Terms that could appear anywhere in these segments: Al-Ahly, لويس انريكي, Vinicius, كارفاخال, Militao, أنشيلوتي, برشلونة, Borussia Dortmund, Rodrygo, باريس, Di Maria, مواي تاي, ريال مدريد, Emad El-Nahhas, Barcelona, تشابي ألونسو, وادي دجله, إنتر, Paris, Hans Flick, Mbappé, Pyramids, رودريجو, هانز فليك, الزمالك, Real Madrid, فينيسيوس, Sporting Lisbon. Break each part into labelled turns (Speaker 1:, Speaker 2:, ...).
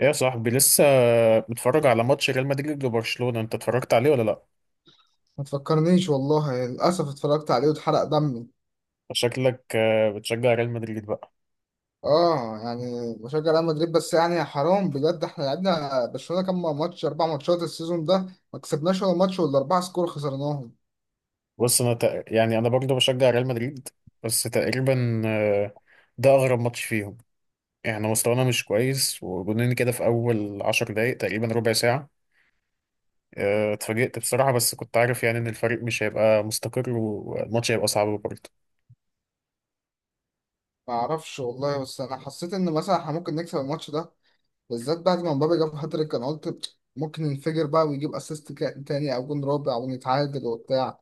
Speaker 1: ايه يا صاحبي لسه متفرج على ماتش ريال مدريد وبرشلونة؟ انت اتفرجت عليه ولا لا؟
Speaker 2: ما تفكرنيش والله، يعني للأسف اتفرجت عليه واتحرق دمي.
Speaker 1: شكلك بتشجع ريال مدريد بقى.
Speaker 2: اه، يعني بشجع ريال مدريد، بس يعني يا حرام بجد، احنا لعبنا برشلونة كام ماتش، أربع ماتشات السيزون ده. ما كسبناش ولا ماتش، ولا أربعة سكور خسرناهم.
Speaker 1: بص، يعني انا برضه بشجع ريال مدريد، بس تقريبا ده اغرب ماتش فيهم. احنا مستوانا مش كويس، وجونين كده في اول 10 دقايق، تقريبا ربع ساعة. اتفاجئت بصراحة، بس كنت عارف يعني ان الفريق مش هيبقى مستقر والماتش هيبقى صعب برضه.
Speaker 2: ما أعرفش والله، بس أنا حسيت إن مثلا احنا ممكن نكسب الماتش ده، بالذات بعد ما مبابي جاب هاتريك. أنا قلت ممكن ينفجر بقى ويجيب أسيست تاني أو جون رابع ونتعادل وبتاع.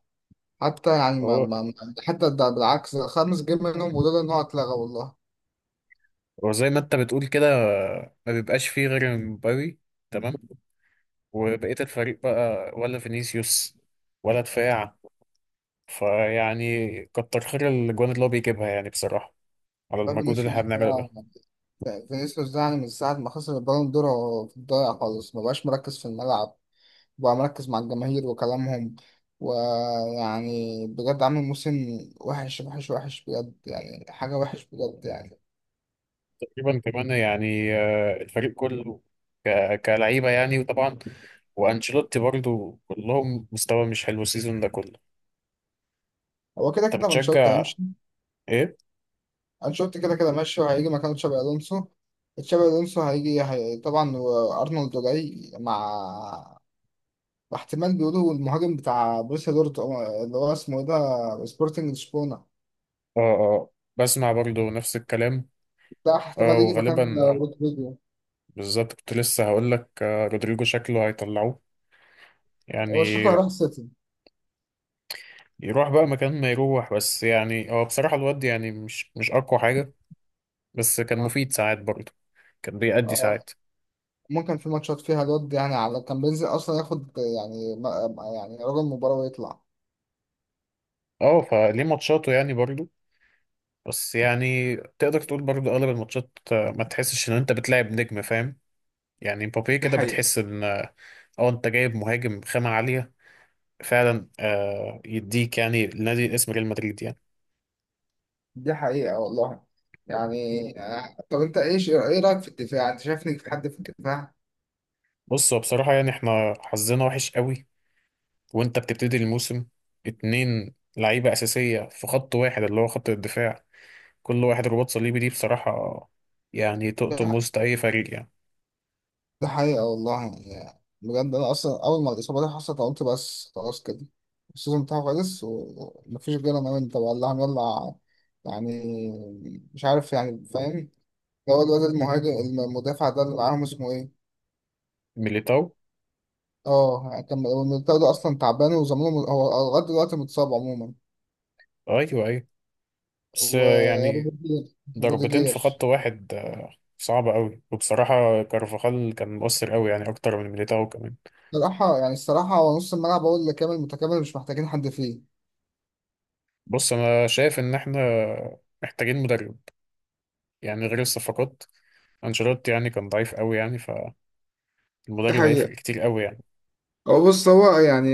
Speaker 2: حتى يعني
Speaker 1: هو
Speaker 2: حتى ده بالعكس، ده خمس جيم منهم، وده إن هو اتلغى والله.
Speaker 1: هو زي ما انت بتقول كده، ما بيبقاش فيه غير مبابي. تمام، وبقية الفريق بقى ولا فينيسيوس ولا دفاع. فيعني كتر خير الجوان اللي هو بيجيبها يعني بصراحة، على المجهود اللي
Speaker 2: فبنشوف،
Speaker 1: احنا بنعمله ده.
Speaker 2: فينيسيوس ده يعني من ساعة ما خسر البالون دور هو في الضايع خالص، مبقاش مركز في الملعب، بقى مركز مع الجماهير وكلامهم. ويعني بجد عامل موسم وحش وحش وحش بجد، يعني حاجة وحش بجد يعني.
Speaker 1: تقريبا كمان يعني الفريق كله كلعيبة يعني، وطبعا وأنشيلوتي برضو كلهم مستوى مش حلو السيزون ده كله.
Speaker 2: هو كده
Speaker 1: انت
Speaker 2: كده أنشيلوتي
Speaker 1: بتشجع
Speaker 2: هيمشي.
Speaker 1: ايه؟
Speaker 2: أنشيلوتي كده كده ماشي، وهيجي مكانه تشابي ألونسو. تشابي ألونسو هيجي طبعا، وأرنولد جاي مع احتمال. بيقولوا المهاجم بتاع بروسيا دورتموند اللي هو اسمه ايه ده، سبورتنج لشبونة.
Speaker 1: اه، اه، بسمع برضو نفس الكلام.
Speaker 2: ده
Speaker 1: اه،
Speaker 2: احتمال يجي مكان
Speaker 1: وغالبا
Speaker 2: رودريجو،
Speaker 1: بالظبط كنت لسه هقول لك رودريجو شكله هيطلعوه
Speaker 2: وشكله
Speaker 1: يعني.
Speaker 2: هيروح السيتي.
Speaker 1: يروح بقى مكان ما يروح، بس يعني هو بصراحة الواد يعني مش أقوى حاجة، بس كان
Speaker 2: اه
Speaker 1: مفيد ساعات برضه. كان بيأدي
Speaker 2: اه.
Speaker 1: ساعات.
Speaker 2: ممكن في ماتشات فيها الواد يعني على كان بينزل اصلا ياخد يعني يعني رجل مباراة ويطلع.
Speaker 1: اه، فليه ماتشاته يعني برضه. بس يعني تقدر تقول برضه أغلب الماتشات ما تحسش إن أنت بتلعب نجم، فاهم؟ يعني مبابي
Speaker 2: دي
Speaker 1: كده
Speaker 2: حقيقة.
Speaker 1: بتحس إن أنت جايب مهاجم خامة عالية، فعلا يديك يعني لنادي اسم ريال مدريد يعني.
Speaker 2: دي حقيقة والله يعني. طب انت ايه رأيك في الدفاع، انت شايفني في حد في الدفاع؟
Speaker 1: بص، هو بصراحة يعني احنا حظنا وحش قوي. وأنت بتبتدي الموسم 2 لعيبة أساسية في خط واحد اللي هو خط الدفاع، كل واحد رباط صليبي. دي بصراحة يعني تقطم وسط أي فريق يعني.
Speaker 2: دي حقيقة والله، يعني بجد انا اصلا اول ما الاصابة دي حصلت قلت بس خلاص كده، السيزون بتاعه خلص ومفيش غير انا وانت والله هنولع يعني. مش عارف يعني فاهم. اللي هو الواد المهاجم، المدافع ده اللي معاهم اسمه ايه؟
Speaker 1: ميليتاو.
Speaker 2: اه، كان هو الميليتاو ده اصلا تعبان وزمانه هو لغايه دلوقتي متصاب عموما.
Speaker 1: أيوه، أيوه. بس يعني
Speaker 2: وروديجير.
Speaker 1: ضربتين في
Speaker 2: روديجير.
Speaker 1: خط واحد صعبة أوي، وبصراحة كارفاخال كان مؤثر أوي يعني، أكتر من ميليتاو كمان.
Speaker 2: الصراحه يعني الصراحه، هو نص الملعب هو اللي كامل متكامل، مش محتاجين حد فيه.
Speaker 1: بص، أنا شايف إن إحنا محتاجين مدرب، يعني غير الصفقات. أنشيلوتي يعني كان ضعيف أوي يعني،
Speaker 2: دي
Speaker 1: فالمدرب
Speaker 2: حقيقة.
Speaker 1: هيفرق كتير أوي يعني.
Speaker 2: هو بص هو يعني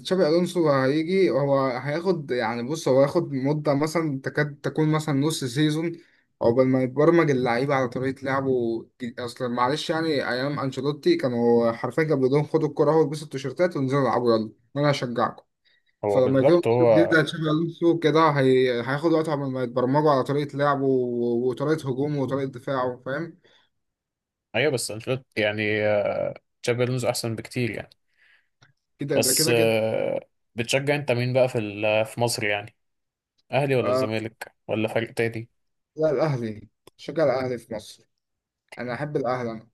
Speaker 2: تشابي ألونسو هيجي، هو هياخد يعني، بص هو هياخد مدة مثلا تكاد تكون مثلا نص سيزون عقبال ما يتبرمج اللعيبة على طريقة لعبه. أصلا معلش يعني، أيام أنشيلوتي كانوا حرفيا كانوا بيقولوا لهم خدوا الكرة اهو، البسوا التيشيرتات وانزلوا العبوا يلا وأنا هشجعكم.
Speaker 1: هو
Speaker 2: فلما يجيبوا
Speaker 1: بالظبط
Speaker 2: أسلوب جديد
Speaker 1: هو.
Speaker 2: زي تشابي ألونسو كده، هياخد وقت عمال ما يتبرمجوا على طريقة لعبه وطريقة هجومه وطريقة دفاعه فاهم.
Speaker 1: أيوه، بس أنشيلوتي يعني تشابي ألونسو أحسن بكتير يعني.
Speaker 2: كده ده
Speaker 1: بس
Speaker 2: كده كده.
Speaker 1: بتشجع أنت مين بقى في مصر يعني؟ اهلي ولا
Speaker 2: آه...
Speaker 1: الزمالك ولا فريق تاني؟
Speaker 2: لا، الأهلي. شجع الأهلي في مصر. أنا أحب الأهلي أنا.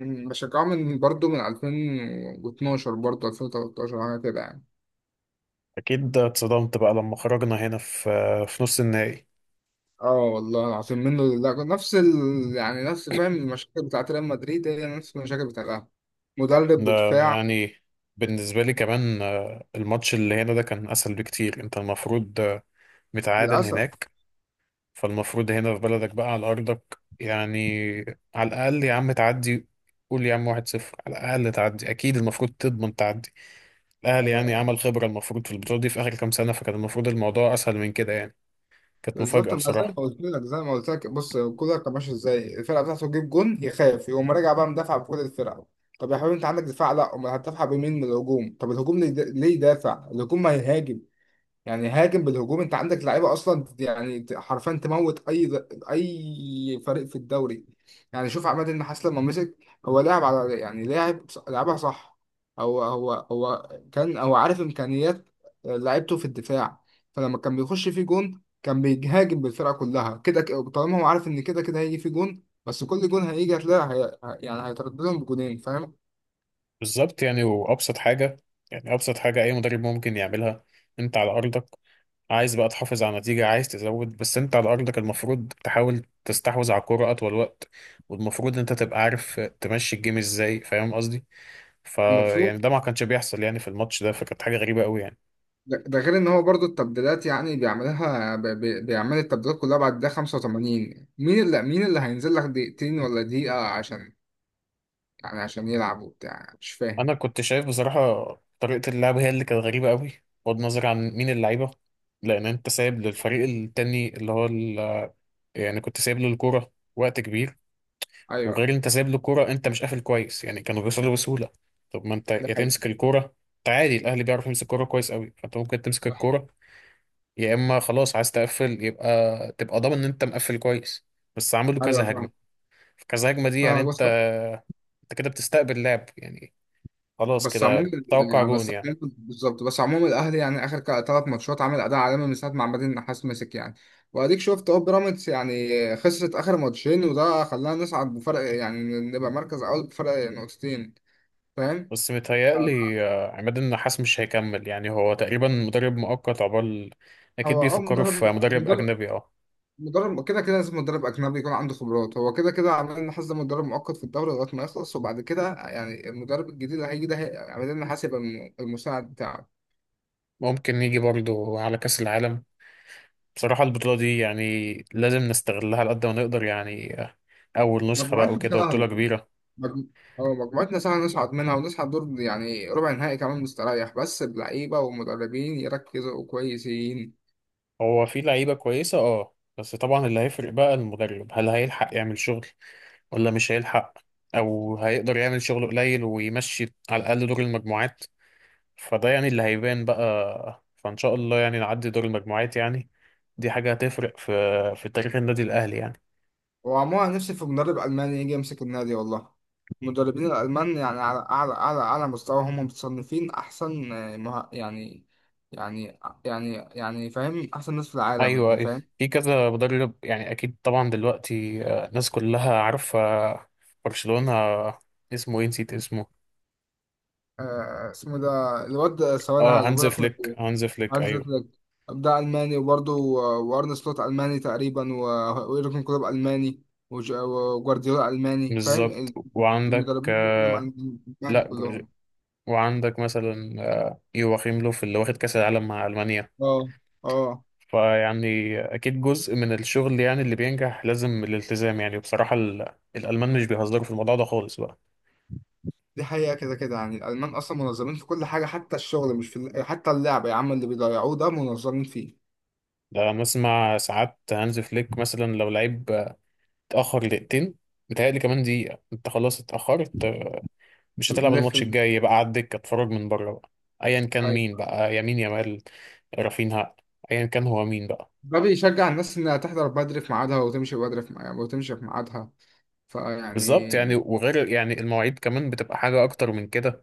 Speaker 2: بشجعه من برضه من 2012، برضه 2013، حاجة كده يعني.
Speaker 1: اكيد اتصدمت بقى لما خرجنا هنا في نص النهائي.
Speaker 2: اه والله العظيم، منه لله، نفس يعني نفس، فاهم، المشاكل بتاعت ريال مدريد هي نفس المشاكل بتاعت الأهلي. مدرب
Speaker 1: ده
Speaker 2: ودفاع.
Speaker 1: يعني بالنسبه لي كمان، الماتش اللي هنا ده كان اسهل بكتير، انت المفروض متعادل
Speaker 2: للأسف.
Speaker 1: هناك. فالمفروض هنا في بلدك بقى على ارضك يعني، على الاقل يا عم تعدي. قول يا عم 1-0، على الاقل تعدي، اكيد المفروض تضمن تعدي. الاهلي يعني
Speaker 2: أيوه.
Speaker 1: عمل خبره المفروض في البطوله دي في اخر كام سنه، فكان المفروض الموضوع اسهل من كده يعني. كانت مفاجاه
Speaker 2: بالظبط، ما زي ما
Speaker 1: بصراحه.
Speaker 2: قلت لك، زي ما قلت لك، بص كولر كان ماشي ازاي، الفرقه بتاعته تجيب جون يخاف يقوم راجع بقى مدافع بكل الفرقه. طب يا حبيبي انت عندك دفاع، لا امال هتدافع بمين من الهجوم؟ طب الهجوم ليه يدافع؟ الهجوم ما يهاجم، يعني هاجم بالهجوم. انت عندك لعيبه اصلا يعني حرفيا تموت اي فريق في الدوري. يعني شوف عماد النحاس لما مسك، هو لاعب على، يعني لاعب لعبها صح. هو كان هو عارف امكانيات لعيبته في الدفاع. فلما كان بيخش فيه جون كان بيهاجم بالفرقه كلها كده، طالما هو عارف ان كده كده هيجي فيه جون، بس كل جون هيجي هتلاقي يعني هيترددهم بجونين فاهم.
Speaker 1: بالظبط يعني، وابسط حاجه يعني، ابسط حاجه اي مدرب ممكن يعملها. انت على ارضك، عايز بقى تحافظ على النتيجه، عايز تزود، بس انت على ارضك المفروض تحاول تستحوذ على الكوره اطول وقت. والمفروض انت تبقى عارف تمشي الجيم ازاي، فاهم قصدي؟ فيعني
Speaker 2: المفروض.
Speaker 1: ده ما كانش بيحصل يعني في الماتش ده، فكانت حاجه غريبه قوي يعني.
Speaker 2: ده غير ان هو برضو التبديلات يعني بيعملها بيعمل التبديلات كلها بعد الدقيقة 85، مين اللي هينزل لك دقيقتين ولا دقيقة عشان يعني عشان يلعب وبتاع؟ مش فاهم.
Speaker 1: انا كنت شايف بصراحه، طريقه اللعب هي اللي كانت غريبه قوي، بغض النظر عن مين اللعيبه. لان انت سايب للفريق التاني يعني كنت سايب له الكوره وقت كبير.
Speaker 2: ايوه.
Speaker 1: وغير انت سايب له كوره، انت مش قافل كويس يعني، كانوا بيوصلوا بسهوله. طب ما انت
Speaker 2: ده
Speaker 1: يا
Speaker 2: حقيقي.
Speaker 1: تمسك الكوره، انت عادي الاهلي بيعرف يمسك الكوره كويس قوي، فانت ممكن تمسك
Speaker 2: صح.
Speaker 1: الكوره. يا اما خلاص عايز تقفل، يبقى تبقى ضامن ان انت مقفل كويس. بس عملوا
Speaker 2: ايوه
Speaker 1: كذا
Speaker 2: فاهم
Speaker 1: هجمه، في كذا هجمه دي يعني،
Speaker 2: فاهم، بس،
Speaker 1: انت كده بتستقبل لعب يعني، خلاص
Speaker 2: عموما
Speaker 1: كده توقع
Speaker 2: يعني،
Speaker 1: جون يعني.
Speaker 2: بالظبط، بس عموما الاهلي يعني اخر ثلاث ماتشات عامل اداء عالمي من ساعة ما عماد النحاس مسك يعني. واديك شفت اهو بيراميدز يعني خسرت اخر ماتشين، وده خلاها نصعد بفرق، يعني نبقى مركز اول بفرق نقطتين فاهم.
Speaker 1: بس متهيألي عماد النحاس مش هيكمل يعني، هو تقريبا مدرب مؤقت عقبال. أكيد
Speaker 2: هو اه
Speaker 1: بيفكروا في مدرب
Speaker 2: مدرب
Speaker 1: أجنبي، اه.
Speaker 2: مدرب كده كده. لازم مدرب اجنبي يكون عنده خبرات. هو كده كده عمال لنا حاسس مدرب مؤقت في الدوري لغايه ما يخلص، وبعد كده يعني المدرب الجديد اللي هيجي ده عمال لنا حاسب المساعد بتاعه.
Speaker 1: ممكن يجي برضه على كأس العالم. بصراحة البطولة دي يعني لازم نستغلها على قد ما نقدر يعني، أول نسخة بقى
Speaker 2: مجموعتنا
Speaker 1: وكده وبطولة
Speaker 2: سهله.
Speaker 1: كبيرة.
Speaker 2: مجم- هو مجموعتنا سهله نصعد منها ونصعد دور يعني ربع نهائي كمان مستريح، بس اللعيبه والمدربين يركزوا كويسين.
Speaker 1: هو في لعيبة كويسة اه، بس طبعا اللي هيفرق بقى المدرب، هل هيلحق يعمل شغل ولا مش هيلحق؟ أو هيقدر يعمل شغل قليل ويمشي على الأقل دور المجموعات. فده يعني اللي هيبان بقى، فإن شاء الله يعني نعدي دور المجموعات يعني. دي حاجة هتفرق في في تاريخ النادي الأهلي يعني.
Speaker 2: وعموما نفسي في مدرب ألماني يجي يمسك النادي والله. المدربين الألمان يعني على أعلى أعلى أعلى مستوى، هم متصنفين أحسن. يعني يعني فاهم، أحسن ناس في العالم
Speaker 1: ايوه،
Speaker 2: يعني
Speaker 1: أيوة.
Speaker 2: فاهم.
Speaker 1: في كذا مدرب يعني، اكيد طبعا دلوقتي الناس كلها عارفه، برشلونه، اسمه ايه نسيت اسمه.
Speaker 2: اسمه ده الواد، ثواني
Speaker 1: اه،
Speaker 2: هجيبه
Speaker 1: هانز
Speaker 2: لك من
Speaker 1: فليك،
Speaker 2: الأول.
Speaker 1: هانز فليك،
Speaker 2: هانز
Speaker 1: ايوه.
Speaker 2: فليك، ده ألماني، وبرضه وأرن سلوت ألماني تقريبا، ويورجن كلوب ألماني، وجوارديولا ألماني
Speaker 1: بالظبط،
Speaker 2: فاهم.
Speaker 1: وعندك
Speaker 2: المدربين دول كلهم
Speaker 1: لا
Speaker 2: ألماني
Speaker 1: جو-
Speaker 2: كلهم.
Speaker 1: وعندك مثلا يواخيم لوف اللي واخد كاس العالم مع المانيا.
Speaker 2: اه اه.
Speaker 1: فيعني اكيد جزء من الشغل يعني اللي بينجح لازم الالتزام يعني بصراحه. الالمان مش بيهزروا في الموضوع ده خالص بقى.
Speaker 2: دي حقيقة. كده كده يعني الألمان أصلا منظمين في كل حاجة، حتى الشغل مش في حتى اللعب يا عم اللي بيضيعوه ده منظمين فيه.
Speaker 1: ده بسمع ساعات هانز فليك مثلا، لو لعيب اتأخر دقيقتين، متهيألي كمان دقيقة انت خلاص اتأخرت، مش هتلعب
Speaker 2: لف.
Speaker 1: الماتش الجاي، بقى على الدكة اتفرج من بره بقى. ايا كان مين
Speaker 2: أيوة.
Speaker 1: بقى، يمين يامال، رافينها، ايا كان هو مين بقى.
Speaker 2: ده بيشجع الناس إنها تحضر بدري في ميعادها، وتمشي بدري في ميعادها وتمشي في ميعادها.
Speaker 1: بالظبط
Speaker 2: فيعني،
Speaker 1: يعني، وغير يعني المواعيد كمان بتبقى حاجة اكتر من كده،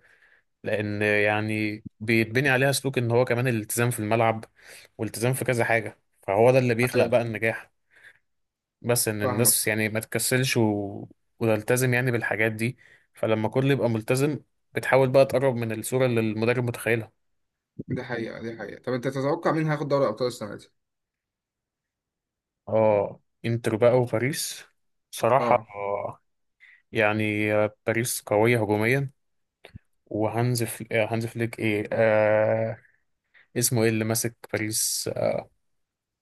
Speaker 1: لان يعني بيتبني عليها سلوك ان هو كمان الالتزام في الملعب والالتزام في كذا حاجة، فهو ده اللي بيخلق
Speaker 2: أيوة
Speaker 1: بقى النجاح. بس ان
Speaker 2: فاهمك.
Speaker 1: الناس يعني ما تكسلش وتلتزم يعني بالحاجات دي، فلما كله يبقى ملتزم بتحاول بقى تقرب من الصورة اللي المدرب متخيلها.
Speaker 2: دي حقيقة دي حقيقة. طب أنت تتوقع مين هياخد دوري أبطال السنة دي؟
Speaker 1: اه، انتر بقى وباريس صراحة،
Speaker 2: أه
Speaker 1: يعني باريس قوية هجوميا. وهانز فل... هانز فليك، ايه، اسمه ايه اللي ماسك باريس؟ اه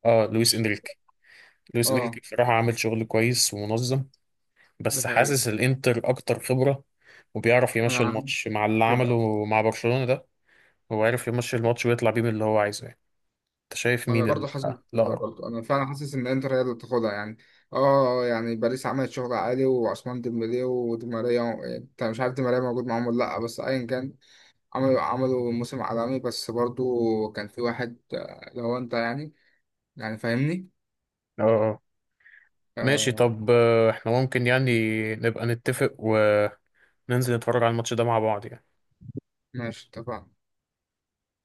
Speaker 1: آه، لويس انريكي. لويس انريكي
Speaker 2: أه.
Speaker 1: بصراحة عامل شغل كويس ومنظم.
Speaker 2: دي
Speaker 1: بس
Speaker 2: حقيقة.
Speaker 1: حاسس الانتر اكتر خبرة، وبيعرف
Speaker 2: أنا
Speaker 1: يمشي
Speaker 2: عارف
Speaker 1: الماتش مع اللي
Speaker 2: كده.
Speaker 1: عمله مع برشلونة ده. هو عارف يمشي الماتش ويطلع بيه من اللي هو عايزه يعني. انت شايف
Speaker 2: ما انا
Speaker 1: مين
Speaker 2: برضه حاسس كده،
Speaker 1: الأقرب؟
Speaker 2: برضه انا فعلا حاسس ان انتر هي اللي تاخدها يعني. اه يعني باريس عملت شغل عالي، وعثمان ديمبلي ودي ماريا، انت مش عارف دي ماريا موجود معاهم ولا لا، بس ايا كان، عملوا موسم عالمي بس برضه. كان في واحد، لو انت يعني، يعني فاهمني.
Speaker 1: اه، آه. ماشي،
Speaker 2: آه.
Speaker 1: طب احنا ممكن يعني نبقى نتفق وننزل نتفرج على الماتش ده مع بعض يعني.
Speaker 2: ماشي اتفقنا.